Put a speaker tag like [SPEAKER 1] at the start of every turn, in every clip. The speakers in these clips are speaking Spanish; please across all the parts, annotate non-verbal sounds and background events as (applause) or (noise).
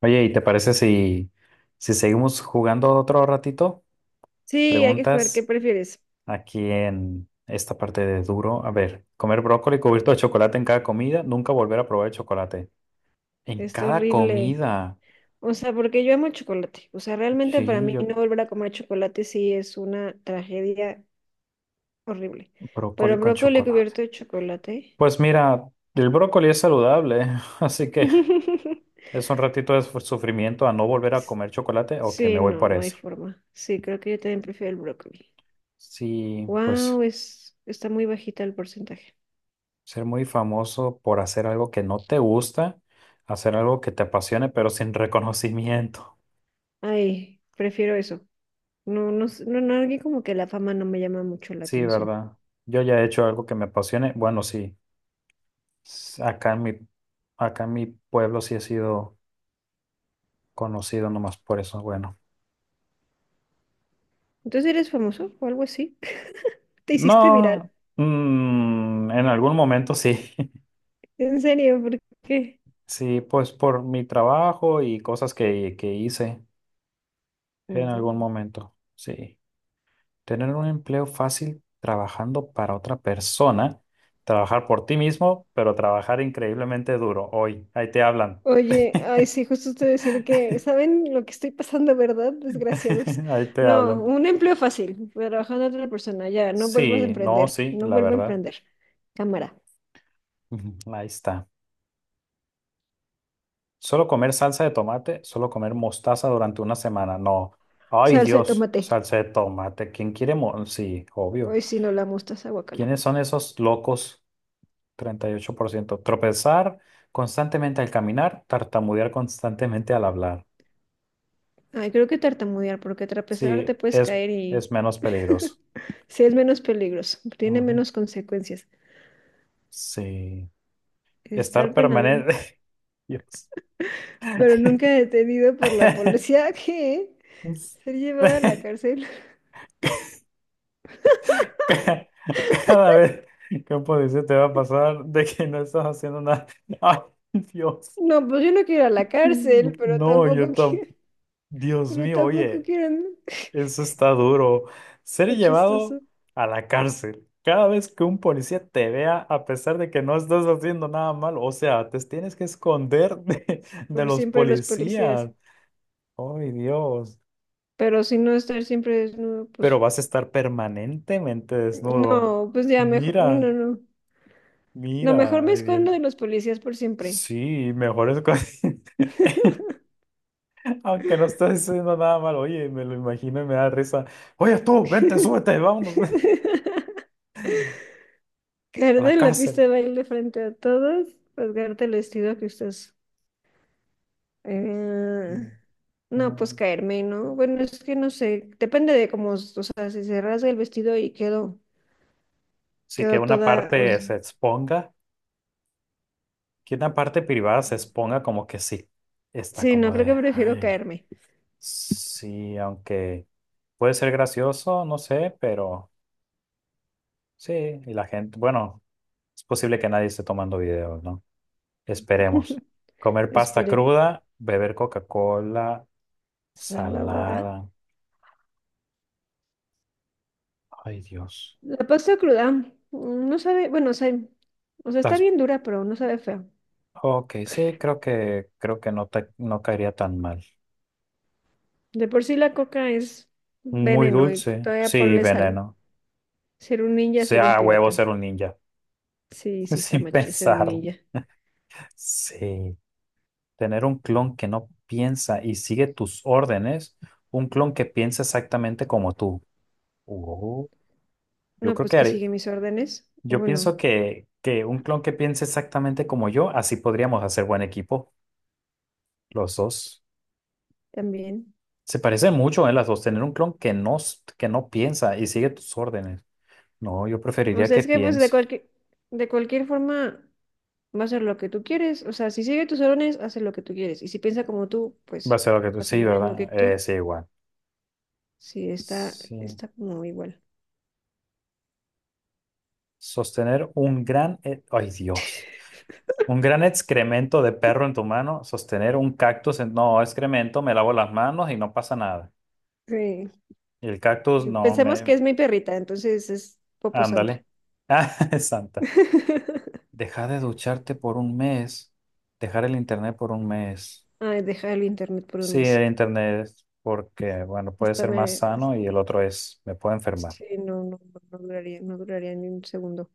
[SPEAKER 1] Oye, ¿y te parece si, si seguimos jugando otro ratito?
[SPEAKER 2] Sí, hay que jugar. ¿Qué
[SPEAKER 1] Preguntas
[SPEAKER 2] prefieres?
[SPEAKER 1] aquí en esta parte de duro. A ver, comer brócoli cubierto de chocolate en cada comida, nunca volver a probar el chocolate. En
[SPEAKER 2] Está
[SPEAKER 1] cada
[SPEAKER 2] horrible.
[SPEAKER 1] comida.
[SPEAKER 2] O sea, porque yo amo el chocolate. O sea, realmente para
[SPEAKER 1] Sí,
[SPEAKER 2] mí
[SPEAKER 1] yo
[SPEAKER 2] no volver a comer chocolate sí es una tragedia horrible.
[SPEAKER 1] brócoli
[SPEAKER 2] Pero
[SPEAKER 1] con
[SPEAKER 2] brócoli cubierto
[SPEAKER 1] chocolate.
[SPEAKER 2] de chocolate.
[SPEAKER 1] Pues mira, el brócoli es saludable, (laughs) así que
[SPEAKER 2] (laughs)
[SPEAKER 1] es un ratito de sufrimiento a no volver a comer chocolate. Ok, me
[SPEAKER 2] Sí,
[SPEAKER 1] voy
[SPEAKER 2] no,
[SPEAKER 1] por
[SPEAKER 2] no hay
[SPEAKER 1] eso.
[SPEAKER 2] forma. Sí, creo que yo también prefiero el brócoli.
[SPEAKER 1] Sí, pues.
[SPEAKER 2] Wow, está muy bajita el porcentaje.
[SPEAKER 1] Ser muy famoso por hacer algo que no te gusta, hacer algo que te apasione, pero sin (laughs) reconocimiento.
[SPEAKER 2] Ay, prefiero eso. No, no, no, no, alguien como que la fama no me llama mucho la
[SPEAKER 1] Sí,
[SPEAKER 2] atención.
[SPEAKER 1] ¿verdad? Yo ya he hecho algo que me apasione. Bueno, sí. S- Acá en mi, acá en mi pueblo sí he sido conocido nomás por eso. Bueno,
[SPEAKER 2] Entonces, ¿eres famoso o algo así? (laughs) ¿Te hiciste
[SPEAKER 1] no,
[SPEAKER 2] viral?
[SPEAKER 1] en algún momento sí. (laughs)
[SPEAKER 2] ¿En serio? ¿Por qué?
[SPEAKER 1] Sí, pues por mi trabajo y cosas que hice en algún
[SPEAKER 2] Mm.
[SPEAKER 1] momento. Sí. Tener un empleo fácil trabajando para otra persona, trabajar por ti mismo, pero trabajar increíblemente duro. Hoy, ahí te hablan.
[SPEAKER 2] Oye, ay,
[SPEAKER 1] (laughs)
[SPEAKER 2] sí, justo te decir que, ¿saben lo que estoy pasando, verdad? Desgraciados.
[SPEAKER 1] Ahí te
[SPEAKER 2] No,
[SPEAKER 1] hablan.
[SPEAKER 2] un empleo fácil, pero trabajando a otra persona, ya, no vuelvo a
[SPEAKER 1] Sí, no,
[SPEAKER 2] emprender,
[SPEAKER 1] sí,
[SPEAKER 2] no
[SPEAKER 1] la
[SPEAKER 2] vuelvo a
[SPEAKER 1] verdad.
[SPEAKER 2] emprender. Cámara,
[SPEAKER 1] Ujú, ahí está. Solo comer salsa de tomate, solo comer mostaza durante una semana. No. Ay,
[SPEAKER 2] salsa de
[SPEAKER 1] Dios,
[SPEAKER 2] tomate.
[SPEAKER 1] salsa de tomate. ¿Quién quiere? Sí, obvio.
[SPEAKER 2] Ay, sí, no la mostaza, guacala.
[SPEAKER 1] ¿Quiénes son esos locos? 38%. Tropezar constantemente al caminar, tartamudear constantemente al hablar.
[SPEAKER 2] Ay, creo que tartamudear, porque trapezar te
[SPEAKER 1] Sí,
[SPEAKER 2] puedes caer y
[SPEAKER 1] es menos peligroso.
[SPEAKER 2] (laughs) sí es menos peligroso, tiene
[SPEAKER 1] Ujú.
[SPEAKER 2] menos consecuencias.
[SPEAKER 1] Sí.
[SPEAKER 2] Estar
[SPEAKER 1] Estar
[SPEAKER 2] penal,
[SPEAKER 1] permanente. (laughs) Dios.
[SPEAKER 2] pero nunca detenido por la
[SPEAKER 1] (laughs)
[SPEAKER 2] policía, que ser llevada a la cárcel.
[SPEAKER 1] Ca- Cada vez que un policía te va a pasar de que no estás haciendo nada. (laughs) Ay, Dios.
[SPEAKER 2] No, pues yo no quiero ir a la cárcel, pero
[SPEAKER 1] No,
[SPEAKER 2] tampoco
[SPEAKER 1] yo tampoco.
[SPEAKER 2] quiero, (laughs)
[SPEAKER 1] Dios
[SPEAKER 2] pero
[SPEAKER 1] mío,
[SPEAKER 2] tampoco
[SPEAKER 1] oye.
[SPEAKER 2] quiero no.
[SPEAKER 1] Eso está duro. Ser
[SPEAKER 2] Está
[SPEAKER 1] llevado
[SPEAKER 2] chistoso.
[SPEAKER 1] a la cárcel. Cada vez que un policía te vea, a pesar de que no estás haciendo nada malo, o sea, te tienes que esconder (laughs) de
[SPEAKER 2] Por
[SPEAKER 1] los
[SPEAKER 2] siempre los policías.
[SPEAKER 1] policías. ¡Ay, Dios!
[SPEAKER 2] Pero si no estar siempre desnudo,
[SPEAKER 1] Pero
[SPEAKER 2] pues
[SPEAKER 1] vas a estar permanentemente desnudo.
[SPEAKER 2] no, pues ya mejor, no,
[SPEAKER 1] Mira,
[SPEAKER 2] no, no. No, mejor
[SPEAKER 1] mira,
[SPEAKER 2] me
[SPEAKER 1] ay, Dios.
[SPEAKER 2] escondo de los policías por siempre.
[SPEAKER 1] Sí, mejor es (laughs)
[SPEAKER 2] (laughs)
[SPEAKER 1] Aunque no estés haciendo nada malo. Oye, me lo imagino y me da risa. Oye, tú, vente, súbete, vámonos (laughs)
[SPEAKER 2] Caer
[SPEAKER 1] a la
[SPEAKER 2] en la pista
[SPEAKER 1] cárcel.
[SPEAKER 2] de baile frente a todos, rasgarte el vestido que usas. Eh,
[SPEAKER 1] Mm.
[SPEAKER 2] no, pues
[SPEAKER 1] Mm.
[SPEAKER 2] caerme, ¿no? Bueno, es que no sé, depende de cómo, o sea, si se rasga el vestido y quedo.
[SPEAKER 1] Sí, que
[SPEAKER 2] Quedó
[SPEAKER 1] una
[SPEAKER 2] toda.
[SPEAKER 1] parte se exponga, que una parte privada se exponga como que sí, está
[SPEAKER 2] Sí, no
[SPEAKER 1] como
[SPEAKER 2] creo, que
[SPEAKER 1] de,
[SPEAKER 2] prefiero
[SPEAKER 1] ay,
[SPEAKER 2] caerme.
[SPEAKER 1] sí, aunque puede ser gracioso, no sé, pero sí, y la gente, bueno, es posible que nadie esté tomando videos, ¿no? Esperemos.
[SPEAKER 2] (laughs)
[SPEAKER 1] Comer pasta
[SPEAKER 2] Esperemos.
[SPEAKER 1] cruda, beber Coca-Cola,
[SPEAKER 2] Salada.
[SPEAKER 1] salada, ay Dios.
[SPEAKER 2] La pasta cruda no sabe, bueno, o sea, está
[SPEAKER 1] Las,
[SPEAKER 2] bien dura, pero no sabe feo.
[SPEAKER 1] ok, sí, creo que no te, no caería tan mal.
[SPEAKER 2] De por sí la coca es
[SPEAKER 1] Muy
[SPEAKER 2] veneno y
[SPEAKER 1] dulce,
[SPEAKER 2] todavía
[SPEAKER 1] sí,
[SPEAKER 2] ponle sal.
[SPEAKER 1] veneno.
[SPEAKER 2] Ser un ninja, ser un
[SPEAKER 1] Sea huevo
[SPEAKER 2] pirata.
[SPEAKER 1] ser un ninja.
[SPEAKER 2] Sí,
[SPEAKER 1] (laughs)
[SPEAKER 2] sí, está
[SPEAKER 1] Sin
[SPEAKER 2] machi, ser un
[SPEAKER 1] pensar.
[SPEAKER 2] ninja.
[SPEAKER 1] Sí. Tener un clon que no piensa y sigue tus órdenes, un clon que piensa exactamente como tú. Oh. Yo
[SPEAKER 2] No,
[SPEAKER 1] creo que
[SPEAKER 2] pues que sigue mis órdenes. O
[SPEAKER 1] yo
[SPEAKER 2] Bueno,
[SPEAKER 1] pienso que un clon que piense exactamente como yo, así podríamos hacer buen equipo, los dos.
[SPEAKER 2] también.
[SPEAKER 1] Se parecen mucho, ¿eh? Las dos. Tener un clon que no, que no piensa y sigue tus órdenes. No, yo
[SPEAKER 2] O
[SPEAKER 1] preferiría
[SPEAKER 2] sea,
[SPEAKER 1] que
[SPEAKER 2] es que pues de
[SPEAKER 1] piense.
[SPEAKER 2] cualquier, de cualquier forma, va a hacer lo que tú quieres. O sea, si sigue tus órdenes, hace lo que tú quieres. Y si piensa como tú,
[SPEAKER 1] Va a
[SPEAKER 2] pues
[SPEAKER 1] ser lo que tú,
[SPEAKER 2] hace
[SPEAKER 1] sí,
[SPEAKER 2] lo mismo que
[SPEAKER 1] ¿verdad?
[SPEAKER 2] tú.
[SPEAKER 1] Sí, igual.
[SPEAKER 2] Sí, está,
[SPEAKER 1] Sí.
[SPEAKER 2] está como igual.
[SPEAKER 1] Sostener un gran... Ay, Dios. Un gran excremento de perro en tu mano, sostener un cactus en... No, excremento, me lavo las manos y no pasa nada.
[SPEAKER 2] Sí.
[SPEAKER 1] Y el cactus,
[SPEAKER 2] Y
[SPEAKER 1] no,
[SPEAKER 2] pensemos que
[SPEAKER 1] me...
[SPEAKER 2] es mi perrita, entonces es Popo Santa.
[SPEAKER 1] Ándale. (laughs) Ah, santa.
[SPEAKER 2] (laughs)
[SPEAKER 1] Dejar de ducharte por 1 mes. Dejar el internet por 1 mes.
[SPEAKER 2] Ay, dejar el internet por un
[SPEAKER 1] Sí, el
[SPEAKER 2] mes.
[SPEAKER 1] internet, porque, bueno, puede
[SPEAKER 2] Hasta
[SPEAKER 1] ser más
[SPEAKER 2] me...
[SPEAKER 1] sano y el otro es, me puedo enfermar.
[SPEAKER 2] Sí, no, no, no, no duraría, no duraría ni un segundo.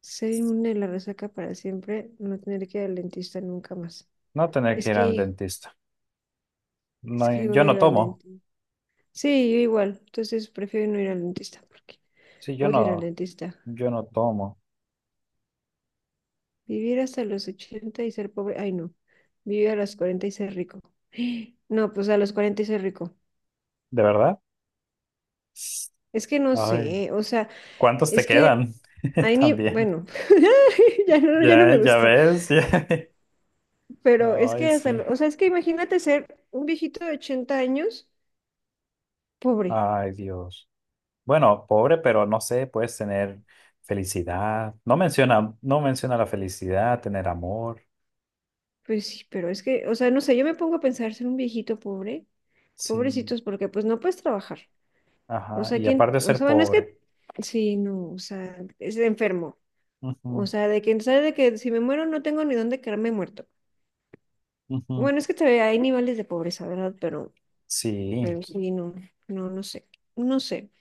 [SPEAKER 2] Ser inmune a la resaca para siempre, no tener que ir al dentista nunca más.
[SPEAKER 1] No tener que
[SPEAKER 2] Es
[SPEAKER 1] ir al
[SPEAKER 2] que,
[SPEAKER 1] dentista. No,
[SPEAKER 2] es que
[SPEAKER 1] yo
[SPEAKER 2] odio
[SPEAKER 1] no
[SPEAKER 2] ir al
[SPEAKER 1] tomo.
[SPEAKER 2] dentista. Sí, yo igual. Entonces prefiero no ir al dentista porque
[SPEAKER 1] Sí, yo
[SPEAKER 2] odio ir al
[SPEAKER 1] no,
[SPEAKER 2] dentista.
[SPEAKER 1] yo no tomo.
[SPEAKER 2] Vivir hasta los 80 y ser pobre. Ay, no. Vivir a los 40 y ser rico. (gasps) No, pues a los 40 y ser rico.
[SPEAKER 1] ¿De verdad?
[SPEAKER 2] Es que no
[SPEAKER 1] Ay,
[SPEAKER 2] sé, o sea,
[SPEAKER 1] ¿cuántos te
[SPEAKER 2] es
[SPEAKER 1] quedan?
[SPEAKER 2] que hay
[SPEAKER 1] (laughs)
[SPEAKER 2] ni,
[SPEAKER 1] También.
[SPEAKER 2] bueno, (laughs) ya no, ya no me
[SPEAKER 1] Ya, ya
[SPEAKER 2] gustó,
[SPEAKER 1] ves. (laughs) ya-
[SPEAKER 2] pero es
[SPEAKER 1] Ay,
[SPEAKER 2] que hasta,
[SPEAKER 1] sí.
[SPEAKER 2] o sea, es que imagínate ser un viejito de 80 años pobre.
[SPEAKER 1] Ay, Dios. Bueno, pobre, pero no sé, puedes tener felicidad. No menciona, no menciona la felicidad, tener amor.
[SPEAKER 2] Pues sí, pero es que, o sea, no sé, yo me pongo a pensar ser un viejito pobre,
[SPEAKER 1] Sí.
[SPEAKER 2] pobrecitos, porque pues no puedes trabajar. O
[SPEAKER 1] Ajá.
[SPEAKER 2] sea,
[SPEAKER 1] Y aparte
[SPEAKER 2] ¿quién?
[SPEAKER 1] de
[SPEAKER 2] O
[SPEAKER 1] ser
[SPEAKER 2] sea, bueno, es
[SPEAKER 1] pobre.
[SPEAKER 2] que, sí, no, o sea, es enfermo. O
[SPEAKER 1] Ujú,
[SPEAKER 2] sea, de que sabe de que si me muero no tengo ni dónde quedarme muerto.
[SPEAKER 1] ujú.
[SPEAKER 2] Bueno, es que te, hay niveles de pobreza, ¿verdad? Pero,
[SPEAKER 1] Sí.
[SPEAKER 2] pero sí, no, no, no sé, no sé.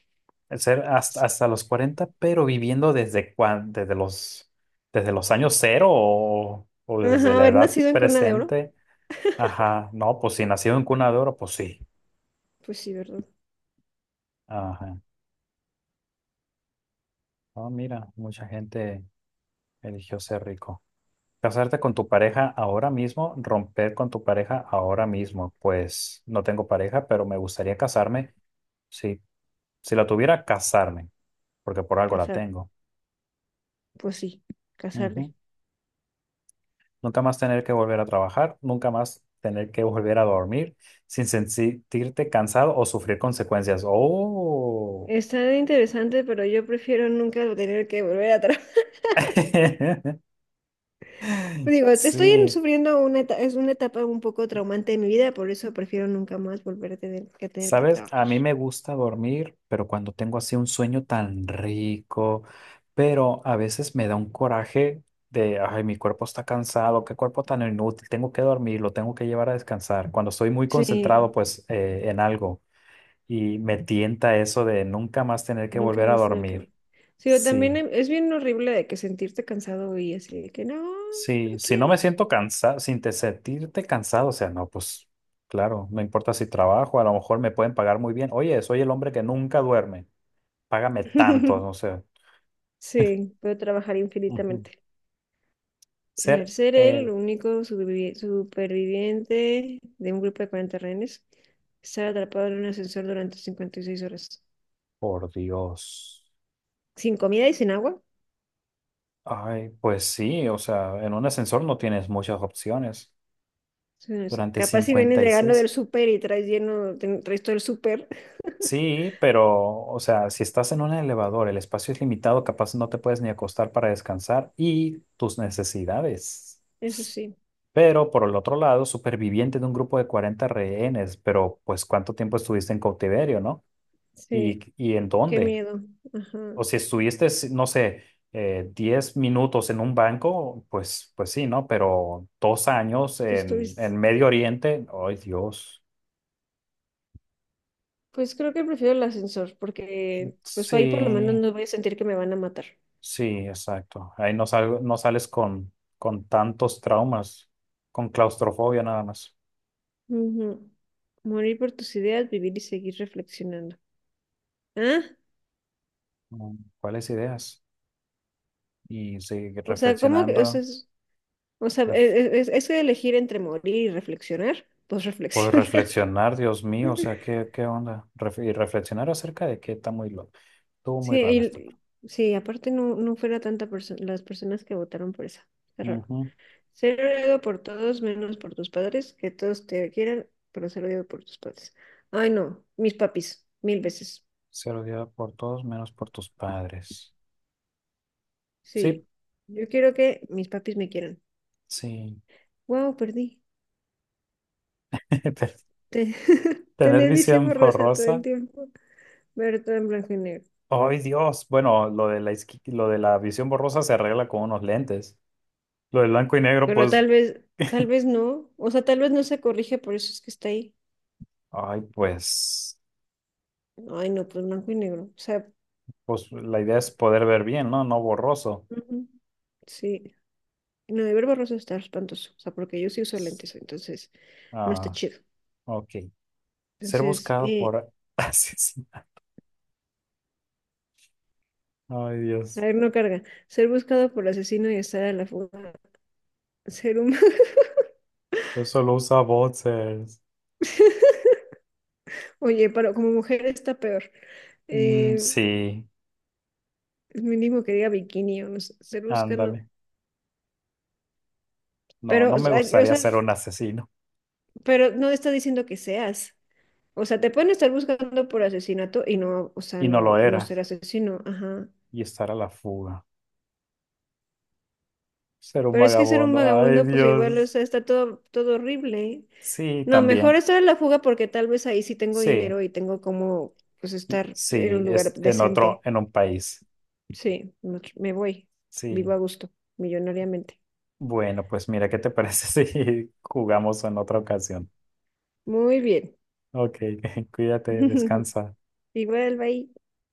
[SPEAKER 1] El ser hasta, hasta los 40 pero viviendo desde desde los años cero o desde
[SPEAKER 2] Ajá,
[SPEAKER 1] la
[SPEAKER 2] haber
[SPEAKER 1] edad
[SPEAKER 2] nacido en cuna de oro,
[SPEAKER 1] presente. Ajá. No, pues si nacido en cuna de oro, pues sí.
[SPEAKER 2] pues sí, ¿verdad?
[SPEAKER 1] Ajá. Oh, mira, mucha gente. Eligió ser rico. Casarte con tu pareja ahora mismo, romper con tu pareja ahora mismo. Pues no tengo pareja, pero me gustaría casarme. Sí, si la tuviera, casarme, porque por algo la
[SPEAKER 2] Casar,
[SPEAKER 1] tengo.
[SPEAKER 2] pues sí, casarle.
[SPEAKER 1] Ujú. Nunca más tener que volver a trabajar, nunca más tener que volver a dormir sin sentirte cansado o sufrir consecuencias. Oh,
[SPEAKER 2] Está interesante, pero yo prefiero nunca tener que volver atrás.
[SPEAKER 1] (laughs)
[SPEAKER 2] (laughs) Digo, estoy
[SPEAKER 1] sí.
[SPEAKER 2] sufriendo una etapa, es una etapa un poco traumante de mi vida, por eso prefiero nunca más volver a tener que
[SPEAKER 1] Sabes, a
[SPEAKER 2] trabajar.
[SPEAKER 1] mí me gusta dormir, pero cuando tengo así un sueño tan rico, pero a veces me da un coraje de, ay, mi cuerpo está cansado, qué cuerpo tan inútil, tengo que dormir, lo tengo que llevar a descansar. Cuando estoy muy
[SPEAKER 2] Sí,
[SPEAKER 1] concentrado, pues, en algo y me tienta eso de nunca más tener que
[SPEAKER 2] nunca
[SPEAKER 1] volver a
[SPEAKER 2] más tener que...
[SPEAKER 1] dormir.
[SPEAKER 2] Sí, o también
[SPEAKER 1] Sí,
[SPEAKER 2] es bien horrible de que sentirte cansado y así de que no,
[SPEAKER 1] sí,
[SPEAKER 2] no
[SPEAKER 1] si no me
[SPEAKER 2] quiero.
[SPEAKER 1] siento cansado, sin te sentirte cansado, o sea, no, pues, claro, no importa si trabajo, a lo mejor me pueden pagar muy bien. Oye, soy el hombre que nunca duerme. Págame tanto, no
[SPEAKER 2] (laughs)
[SPEAKER 1] sé.
[SPEAKER 2] Sí, puedo trabajar
[SPEAKER 1] Ujú.
[SPEAKER 2] infinitamente. El
[SPEAKER 1] Ser
[SPEAKER 2] ser el
[SPEAKER 1] el,
[SPEAKER 2] único superviviente de un grupo de 40 rehenes, estar atrapado en un ascensor durante 56 horas.
[SPEAKER 1] por Dios.
[SPEAKER 2] Sin comida y sin agua.
[SPEAKER 1] Ay, pues sí, o sea, en un ascensor no tienes muchas opciones.
[SPEAKER 2] Sí,
[SPEAKER 1] Durante
[SPEAKER 2] capaz si vienes
[SPEAKER 1] cincuenta y
[SPEAKER 2] llegando del
[SPEAKER 1] seis.
[SPEAKER 2] súper y traes lleno, traes todo el súper. (laughs)
[SPEAKER 1] Sí, pero, o sea, si estás en un elevador, el espacio es limitado, capaz no te puedes ni acostar para descansar y tus necesidades.
[SPEAKER 2] Eso sí,
[SPEAKER 1] Pero por el otro lado, superviviente de un grupo de 40 rehenes, pero pues ¿cuánto tiempo estuviste en cautiverio, no?
[SPEAKER 2] sí,
[SPEAKER 1] Y en
[SPEAKER 2] qué
[SPEAKER 1] dónde?
[SPEAKER 2] miedo. Ajá.
[SPEAKER 1] O si estuviste, si, no sé, 10 minutos en un banco, pues, pues sí, ¿no? Pero 2 años
[SPEAKER 2] Tú estuviste.
[SPEAKER 1] en Medio Oriente, ¡ay Dios!
[SPEAKER 2] Pues creo que prefiero el ascensor, porque pues ahí por lo menos
[SPEAKER 1] Sí,
[SPEAKER 2] no voy a sentir que me van a matar.
[SPEAKER 1] sí, exacto. Ahí no, sal no sales con tantos traumas, con claustrofobia nada más.
[SPEAKER 2] Ujú. Morir por tus ideas, vivir y seguir reflexionando. ¿Ah?
[SPEAKER 1] ¿Cuáles ideas? Y sigue
[SPEAKER 2] O sea, ¿cómo que? O sea,
[SPEAKER 1] reflexionando,
[SPEAKER 2] o sea, e-
[SPEAKER 1] ref-
[SPEAKER 2] es elegir entre morir y reflexionar, pues
[SPEAKER 1] pues
[SPEAKER 2] reflexionar. (laughs)
[SPEAKER 1] reflexionar, Dios mío, o sea, ¿qué, qué onda? Y reflexionar acerca de que está muy loco. Estuvo muy
[SPEAKER 2] Sí,
[SPEAKER 1] raro esta parte.
[SPEAKER 2] sí, aparte no, no fuera tanta las personas que votaron por esa. Qué raro.
[SPEAKER 1] Ujú.
[SPEAKER 2] Ser odiado por todos menos por tus padres, que todos te quieran, pero ser odiado por tus padres. Ay, no, mis papis, mil veces.
[SPEAKER 1] Ser odiado por todos menos por tus padres. Sí,
[SPEAKER 2] Sí, yo quiero que mis papis me quieran.
[SPEAKER 1] sí.
[SPEAKER 2] Wow, perdí.
[SPEAKER 1] (laughs) Te-
[SPEAKER 2] Te- (laughs)
[SPEAKER 1] Tener
[SPEAKER 2] Tener visión
[SPEAKER 1] visión
[SPEAKER 2] borrosa todo el
[SPEAKER 1] borrosa.
[SPEAKER 2] tiempo, ver todo en blanco y negro.
[SPEAKER 1] ¡Ay, Dios! Bueno, lo de la, lo de la visión borrosa se arregla con unos lentes. Lo de blanco y negro,
[SPEAKER 2] Pero
[SPEAKER 1] pues,
[SPEAKER 2] tal vez no. O sea, tal vez no se corrige, por eso es que está ahí.
[SPEAKER 1] ay, pues,
[SPEAKER 2] Ay, no, pues blanco y negro. O sea,
[SPEAKER 1] pues la idea es poder ver bien, ¿no? No borroso.
[SPEAKER 2] ujú, sí. No, de ver borroso está espantoso. O sea, porque yo sí uso lentes, entonces no está
[SPEAKER 1] Ah,
[SPEAKER 2] chido.
[SPEAKER 1] ok. Ser
[SPEAKER 2] Entonces,
[SPEAKER 1] buscado por (laughs) asesino. Ay,
[SPEAKER 2] a
[SPEAKER 1] Dios.
[SPEAKER 2] ver, no carga. Ser buscado por asesino y estar a la fuga. Ser humano.
[SPEAKER 1] Yo solo usa boxers.
[SPEAKER 2] (laughs) Oye, pero como mujer está peor. Eh,
[SPEAKER 1] Sí,
[SPEAKER 2] es mínimo que diga bikini o no sé, Cerusca no.
[SPEAKER 1] ándale. No,
[SPEAKER 2] Pero,
[SPEAKER 1] no
[SPEAKER 2] o
[SPEAKER 1] me
[SPEAKER 2] sea, o
[SPEAKER 1] gustaría
[SPEAKER 2] sea,
[SPEAKER 1] ser
[SPEAKER 2] es-
[SPEAKER 1] un asesino.
[SPEAKER 2] pero no está diciendo que seas. O sea, te pueden estar buscando por asesinato y no, o sea,
[SPEAKER 1] Y no
[SPEAKER 2] no,
[SPEAKER 1] lo
[SPEAKER 2] no
[SPEAKER 1] era.
[SPEAKER 2] ser asesino, ajá.
[SPEAKER 1] Y estar a la fuga. Ser un
[SPEAKER 2] Pero es que ser un
[SPEAKER 1] vagabundo. Ay,
[SPEAKER 2] vagabundo, pues igual, o
[SPEAKER 1] Dios.
[SPEAKER 2] sea, está todo, todo horrible.
[SPEAKER 1] Sí,
[SPEAKER 2] No, mejor
[SPEAKER 1] también.
[SPEAKER 2] estar en la fuga porque tal vez ahí sí tengo
[SPEAKER 1] Sí,
[SPEAKER 2] dinero y tengo como, pues, estar en
[SPEAKER 1] sí,
[SPEAKER 2] un lugar
[SPEAKER 1] es en otro,
[SPEAKER 2] decente.
[SPEAKER 1] en un país.
[SPEAKER 2] Sí, no, me voy. Vivo
[SPEAKER 1] Sí.
[SPEAKER 2] a gusto, millonariamente.
[SPEAKER 1] Bueno, pues mira, ¿qué te parece (laughs) si jugamos en otra ocasión?
[SPEAKER 2] Muy bien.
[SPEAKER 1] Ok, (laughs) cuídate,
[SPEAKER 2] (laughs)
[SPEAKER 1] descansa.
[SPEAKER 2] Igual, bye.